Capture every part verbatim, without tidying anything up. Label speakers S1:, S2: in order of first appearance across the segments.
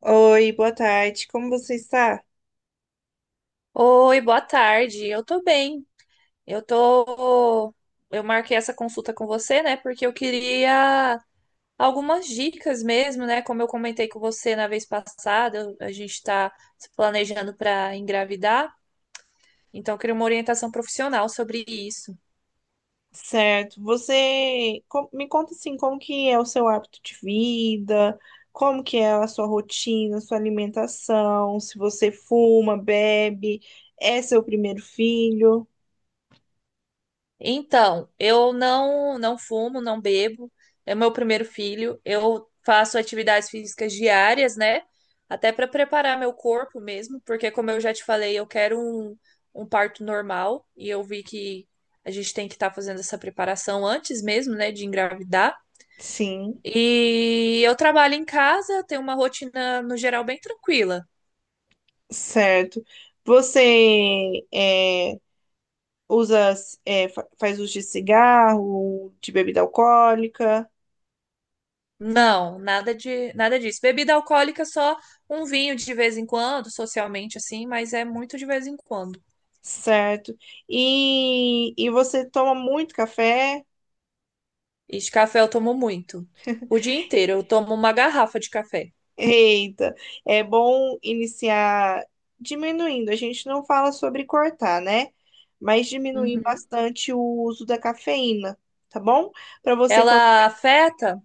S1: Oi, boa tarde. Como você está?
S2: Oi, boa tarde. Eu tô bem. Eu tô. Eu marquei essa consulta com você, né? Porque eu queria algumas dicas mesmo, né? Como eu comentei com você na vez passada, eu- a gente tá se planejando para engravidar, então eu queria uma orientação profissional sobre isso.
S1: Certo. Você com- me conta assim, como que é o seu hábito de vida? Como que é a sua rotina, sua alimentação? Se você fuma, bebe, é seu primeiro filho?
S2: Então, eu não não fumo, não bebo. É meu primeiro filho. Eu faço atividades físicas diárias, né? Até para preparar meu corpo mesmo, porque como eu já te falei, eu quero um, um parto normal e eu vi que a gente tem que estar fazendo essa preparação antes mesmo, né, de engravidar.
S1: Sim,
S2: E eu trabalho em casa, tenho uma rotina no geral bem tranquila.
S1: certo. Você é, usa, é, fa- faz uso de cigarro, de bebida alcoólica,
S2: Não, nada de nada disso. Bebida alcoólica só um vinho de vez em quando, socialmente assim, mas é muito de vez em quando.
S1: certo? E, e você toma muito café?
S2: E de café eu tomo muito. O dia inteiro eu tomo uma garrafa de café.
S1: Eita, é bom iniciar diminuindo. A gente não fala sobre cortar, né? Mas diminuir
S2: Uhum.
S1: bastante o uso da cafeína, tá bom? Para você quando
S2: Ela afeta?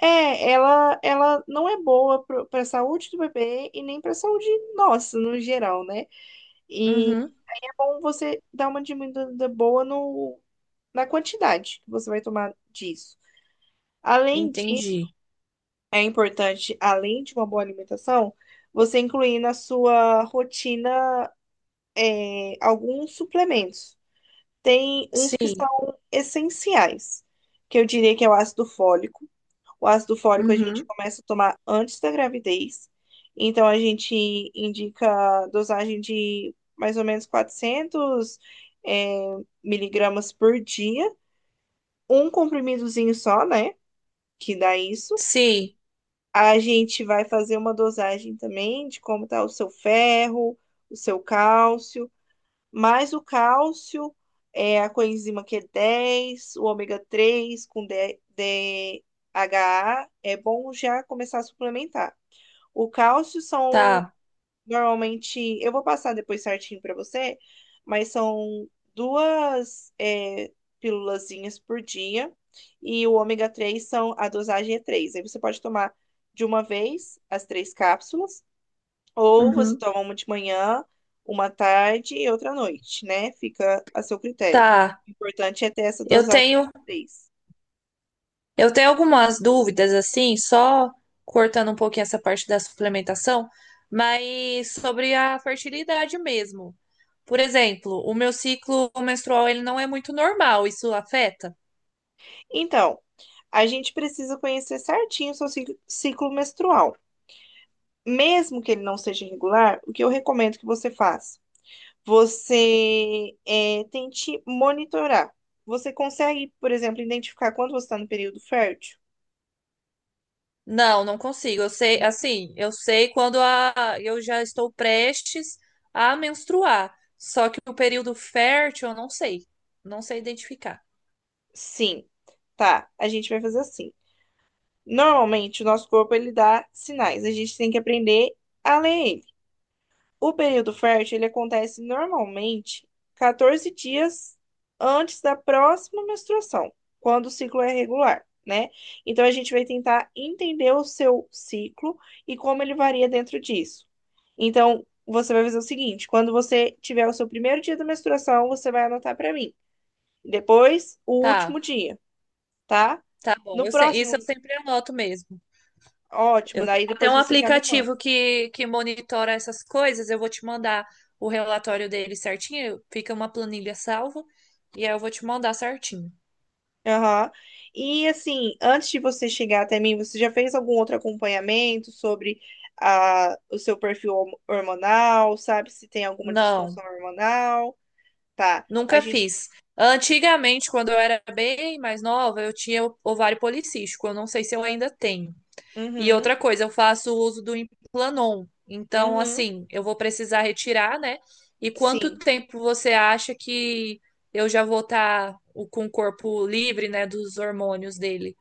S1: é, ela ela não é boa para a saúde do bebê e nem para a saúde nossa no geral, né? E
S2: Uhum.
S1: é bom você dar uma diminuída boa no na quantidade que você vai tomar disso. Além disso,
S2: Entendi.
S1: é importante, além de uma boa alimentação, você incluir na sua rotina, eh, alguns suplementos. Tem uns que
S2: Sim.
S1: são essenciais, que eu diria que é o ácido fólico. O ácido fólico a gente
S2: Uhum.
S1: começa a tomar antes da gravidez, então a gente indica dosagem de mais ou menos quatrocentos eh, miligramas por dia, um comprimidozinho só, né? Que dá isso.
S2: Sim,
S1: A gente vai fazer uma dosagem também de como está o seu ferro, o seu cálcio, mais o cálcio, é, a coenzima Q dez, o ômega três com D- DHA, é bom já começar a suplementar. O cálcio são.
S2: tá.
S1: Normalmente, eu vou passar depois certinho pra você, mas são duas, é, pílulazinhas por dia e o ômega três são a dosagem é três. Aí você pode tomar de uma vez as três cápsulas, ou você
S2: Uhum.
S1: toma uma de manhã, uma à tarde e outra à noite, né? Fica a seu critério.
S2: Tá.
S1: O importante é ter essa
S2: Eu
S1: dosagem de
S2: tenho
S1: três.
S2: Eu tenho algumas dúvidas, assim, só cortando um pouquinho essa parte da suplementação, mas sobre a fertilidade mesmo. Por exemplo, o meu ciclo menstrual ele não é muito normal, isso afeta?
S1: Então, a gente precisa conhecer certinho o seu cic- ciclo menstrual. Mesmo que ele não seja irregular, o que eu recomendo que você faça? Você é, tente monitorar. Você consegue, por exemplo, identificar quando você está no período fértil?
S2: Não, não consigo. Eu sei,
S1: Na-
S2: assim, eu sei quando a, eu já estou prestes a menstruar, só que o período fértil eu não sei, não sei identificar.
S1: Sim, tá. A gente vai fazer assim. Normalmente, o nosso corpo ele dá sinais. A gente tem que aprender a ler ele. O período fértil ele acontece normalmente quatorze dias antes da próxima menstruação, quando o ciclo é regular, né? Então a gente vai tentar entender o seu ciclo e como ele varia dentro disso. Então você vai fazer o seguinte: quando você tiver o seu primeiro dia da menstruação, você vai anotar para mim. Depois, o último
S2: Tá,
S1: dia, tá?
S2: tá bom.
S1: No
S2: Eu sei- isso eu
S1: próximo,
S2: sempre anoto mesmo.
S1: ótimo,
S2: Eu tenho
S1: daí
S2: até
S1: depois
S2: um
S1: você já me manda.
S2: aplicativo que, que monitora essas coisas. Eu vou te mandar o relatório dele certinho. Fica uma planilha salva. E aí eu vou te mandar certinho.
S1: Aham. E assim, antes de você chegar até mim, você já fez algum outro acompanhamento sobre a, o seu perfil horm- hormonal, sabe se tem alguma
S2: Não,
S1: disfunção hormonal? Tá. A
S2: nunca
S1: gente.
S2: fiz. Antigamente, quando eu era bem mais nova, eu tinha ovário policístico. Eu não sei se eu ainda tenho. E
S1: Uhum,
S2: outra coisa, eu faço uso do Implanon. Então,
S1: uhum,
S2: assim, eu vou precisar retirar, né? E quanto
S1: sim.
S2: tempo você acha que eu já vou estar com o corpo livre, né, dos hormônios dele?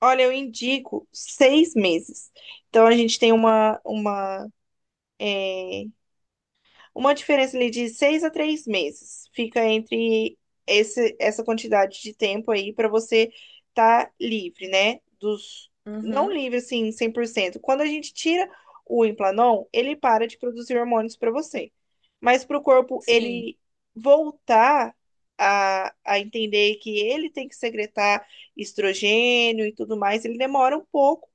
S1: Olha, eu indico seis meses. Então a gente tem uma, uma, eh, uma diferença ali de seis a três meses fica entre esse, essa quantidade de tempo aí para você estar livre, né? Dos, não
S2: Uhum.
S1: livre assim, cem por cento. Quando a gente tira o Implanon, ele para de produzir hormônios para você. Mas para o corpo
S2: Sim.
S1: ele voltar a, a entender que ele tem que secretar estrogênio e tudo mais, ele demora um pouco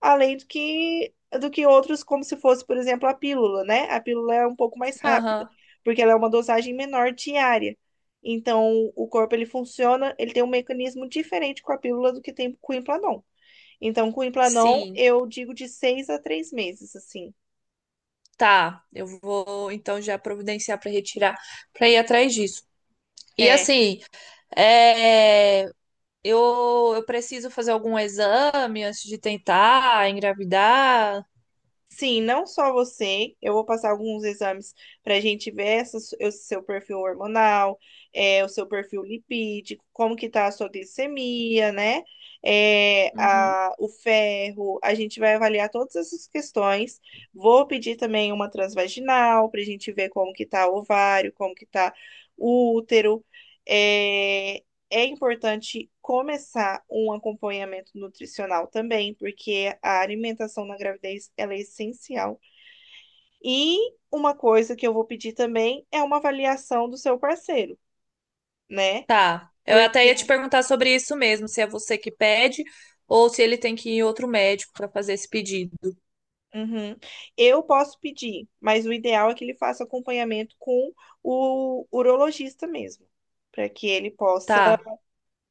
S1: além do que do que outros, como se fosse, por exemplo, a pílula, né? A pílula é um pouco mais rápida,
S2: Aham.
S1: porque ela é uma dosagem menor diária. Então, o corpo ele funciona, ele tem um mecanismo diferente com a pílula do que tem com o Implanon. Então, com o Implanon,
S2: Sim.
S1: eu digo de seis a três meses, assim.
S2: Tá. Eu vou então já providenciar para retirar, para ir atrás disso. E
S1: É,
S2: assim, é, eu, eu preciso fazer algum exame antes de tentar engravidar?
S1: sim, não só você. Eu vou passar alguns exames para a gente ver essa su- o seu perfil hormonal, é, o seu perfil lipídico, como que tá a sua glicemia, né? É,
S2: Uhum.
S1: a- o ferro. A gente vai avaliar todas essas questões. Vou pedir também uma transvaginal para a gente ver como que tá o ovário, como que tá o útero. eh, é importante começar um acompanhamento nutricional também, porque a alimentação na gravidez ela é essencial. E uma coisa que eu vou pedir também é uma avaliação do seu parceiro, né?
S2: Tá. Eu até
S1: Porque,
S2: ia te perguntar sobre isso mesmo, se é você que pede ou se ele tem que ir em outro médico para fazer esse pedido.
S1: uhum, eu posso pedir, mas o ideal é que ele faça acompanhamento com o urologista mesmo, para que ele possa
S2: Tá,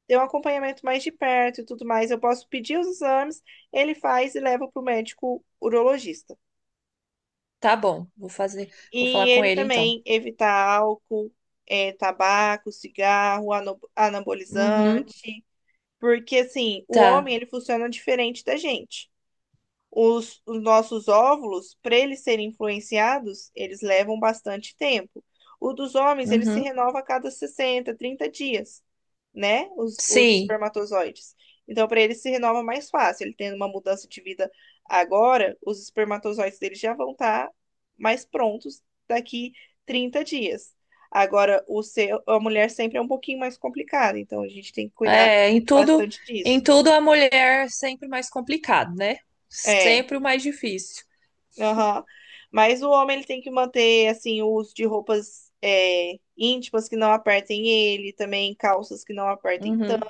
S1: ter um acompanhamento mais de perto e tudo mais. Eu posso pedir os exames, ele faz e leva para o médico urologista.
S2: tá bom. Vou fazer, vou
S1: E
S2: falar com
S1: ele
S2: ele então.
S1: também evitar álcool, eh, tabaco, cigarro, ano-
S2: Uhum,
S1: anabolizante. Porque, assim, o
S2: tá.
S1: homem, ele funciona diferente da gente. Os, os nossos óvulos, para eles serem influenciados, eles levam bastante tempo. O dos homens, ele se
S2: Uhum.
S1: renova a cada sessenta trinta dias, né? Os, os
S2: Sim.
S1: espermatozoides. Então, para ele se renova mais fácil. Ele tendo uma mudança de vida agora, os espermatozoides dele já vão estar mais prontos daqui trinta dias. Agora, o seu, a mulher sempre é um pouquinho mais complicada, então a gente tem que cuidar
S2: É, em tudo,
S1: bastante
S2: em
S1: disso.
S2: tudo a mulher é sempre mais complicado, né?
S1: É.
S2: Sempre o mais difícil.
S1: Aham. Mas o homem ele tem que manter assim o uso de roupas, é, íntimas que não apertem ele, também calças que não apertem tanto.
S2: Uhum.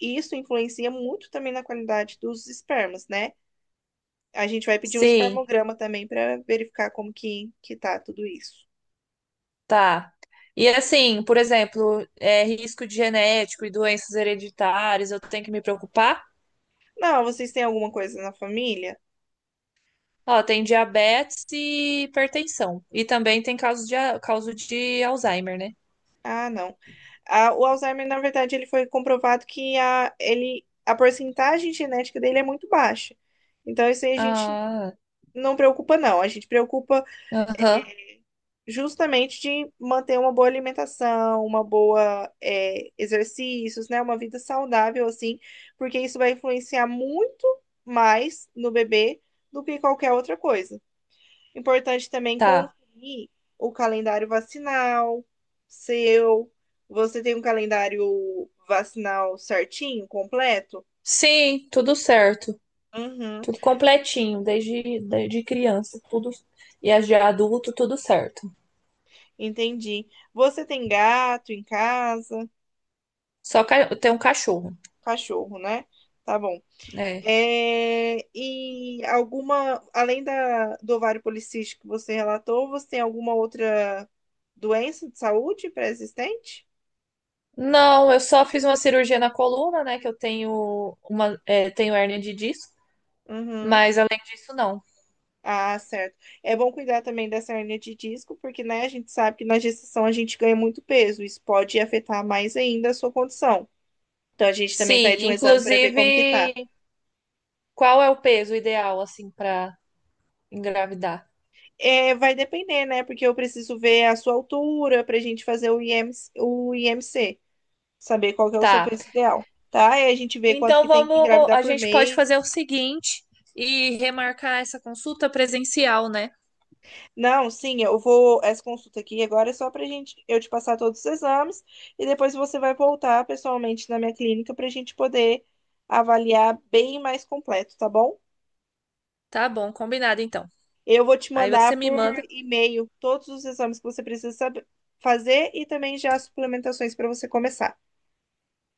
S1: E isso influencia muito também na qualidade dos espermas, né? A gente vai pedir um
S2: Sim,
S1: espermograma também para verificar como que que tá tudo isso.
S2: tá. E assim, por exemplo, é, risco de genético e doenças hereditárias, eu tenho que me preocupar?
S1: Não, vocês têm alguma coisa na família?
S2: Ó, tem diabetes e hipertensão. E também tem caso de, a- caso de Alzheimer, né?
S1: Ah, não. Ah, o Alzheimer, na verdade, ele foi comprovado que a, ele, a porcentagem genética dele é muito baixa. Então, isso aí a gente
S2: Ah,
S1: não preocupa, não. A gente preocupa
S2: aham,
S1: justamente de manter uma boa alimentação, uma boa, é, exercícios, né? Uma vida saudável, assim, porque isso vai influenciar muito mais no bebê do que qualquer outra coisa. Importante também
S2: tá.
S1: conferir o calendário vacinal seu. Você tem um calendário vacinal certinho, completo?
S2: Sim, tudo certo.
S1: Uhum,
S2: Tudo completinho, desde, desde criança, tudo. E as de adulto, tudo certo.
S1: entendi. Você tem gato em casa?
S2: Só ca... tem um cachorro,
S1: Cachorro, né? Tá bom.
S2: né?
S1: É, e alguma, além da, do ovário policístico que você relatou, você tem alguma outra doença de saúde pré-existente?
S2: Não, eu só fiz uma cirurgia na coluna, né? Que eu tenho uma, é, tenho hérnia de disco,
S1: Uhum.
S2: mas além disso, não.
S1: Ah, certo. É bom cuidar também dessa hernia de disco, porque, né, a gente sabe que na gestação a gente ganha muito peso. Isso pode afetar mais ainda a sua condição. Então a gente também
S2: Sim,
S1: pede um exame para ver como que tá.
S2: inclusive, qual é o peso ideal, assim, para engravidar?
S1: É, vai depender, né? Porque eu preciso ver a sua altura para a gente fazer o I M C, o I M C, saber qual que é o seu
S2: Tá.
S1: peso ideal, tá? E a gente vê quanto
S2: Então
S1: que tem que
S2: vamos,
S1: engravidar
S2: a
S1: por
S2: gente pode
S1: mês.
S2: fazer o seguinte e remarcar essa consulta presencial, né?
S1: Não, sim, eu vou. Essa consulta aqui agora é só pra gente eu te passar todos os exames e depois você vai voltar pessoalmente na minha clínica pra gente poder avaliar bem mais completo, tá bom?
S2: Tá bom, combinado então.
S1: Eu vou te
S2: Aí você
S1: mandar
S2: me
S1: por
S2: manda.
S1: e-mail todos os exames que você precisa saber fazer e também já as suplementações para você começar,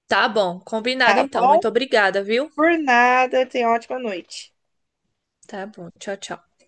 S2: Tá bom, combinado
S1: tá
S2: então.
S1: bom?
S2: Muito obrigada, viu?
S1: Por nada, tenha ótima noite.
S2: Tá bom, tchau, tchau.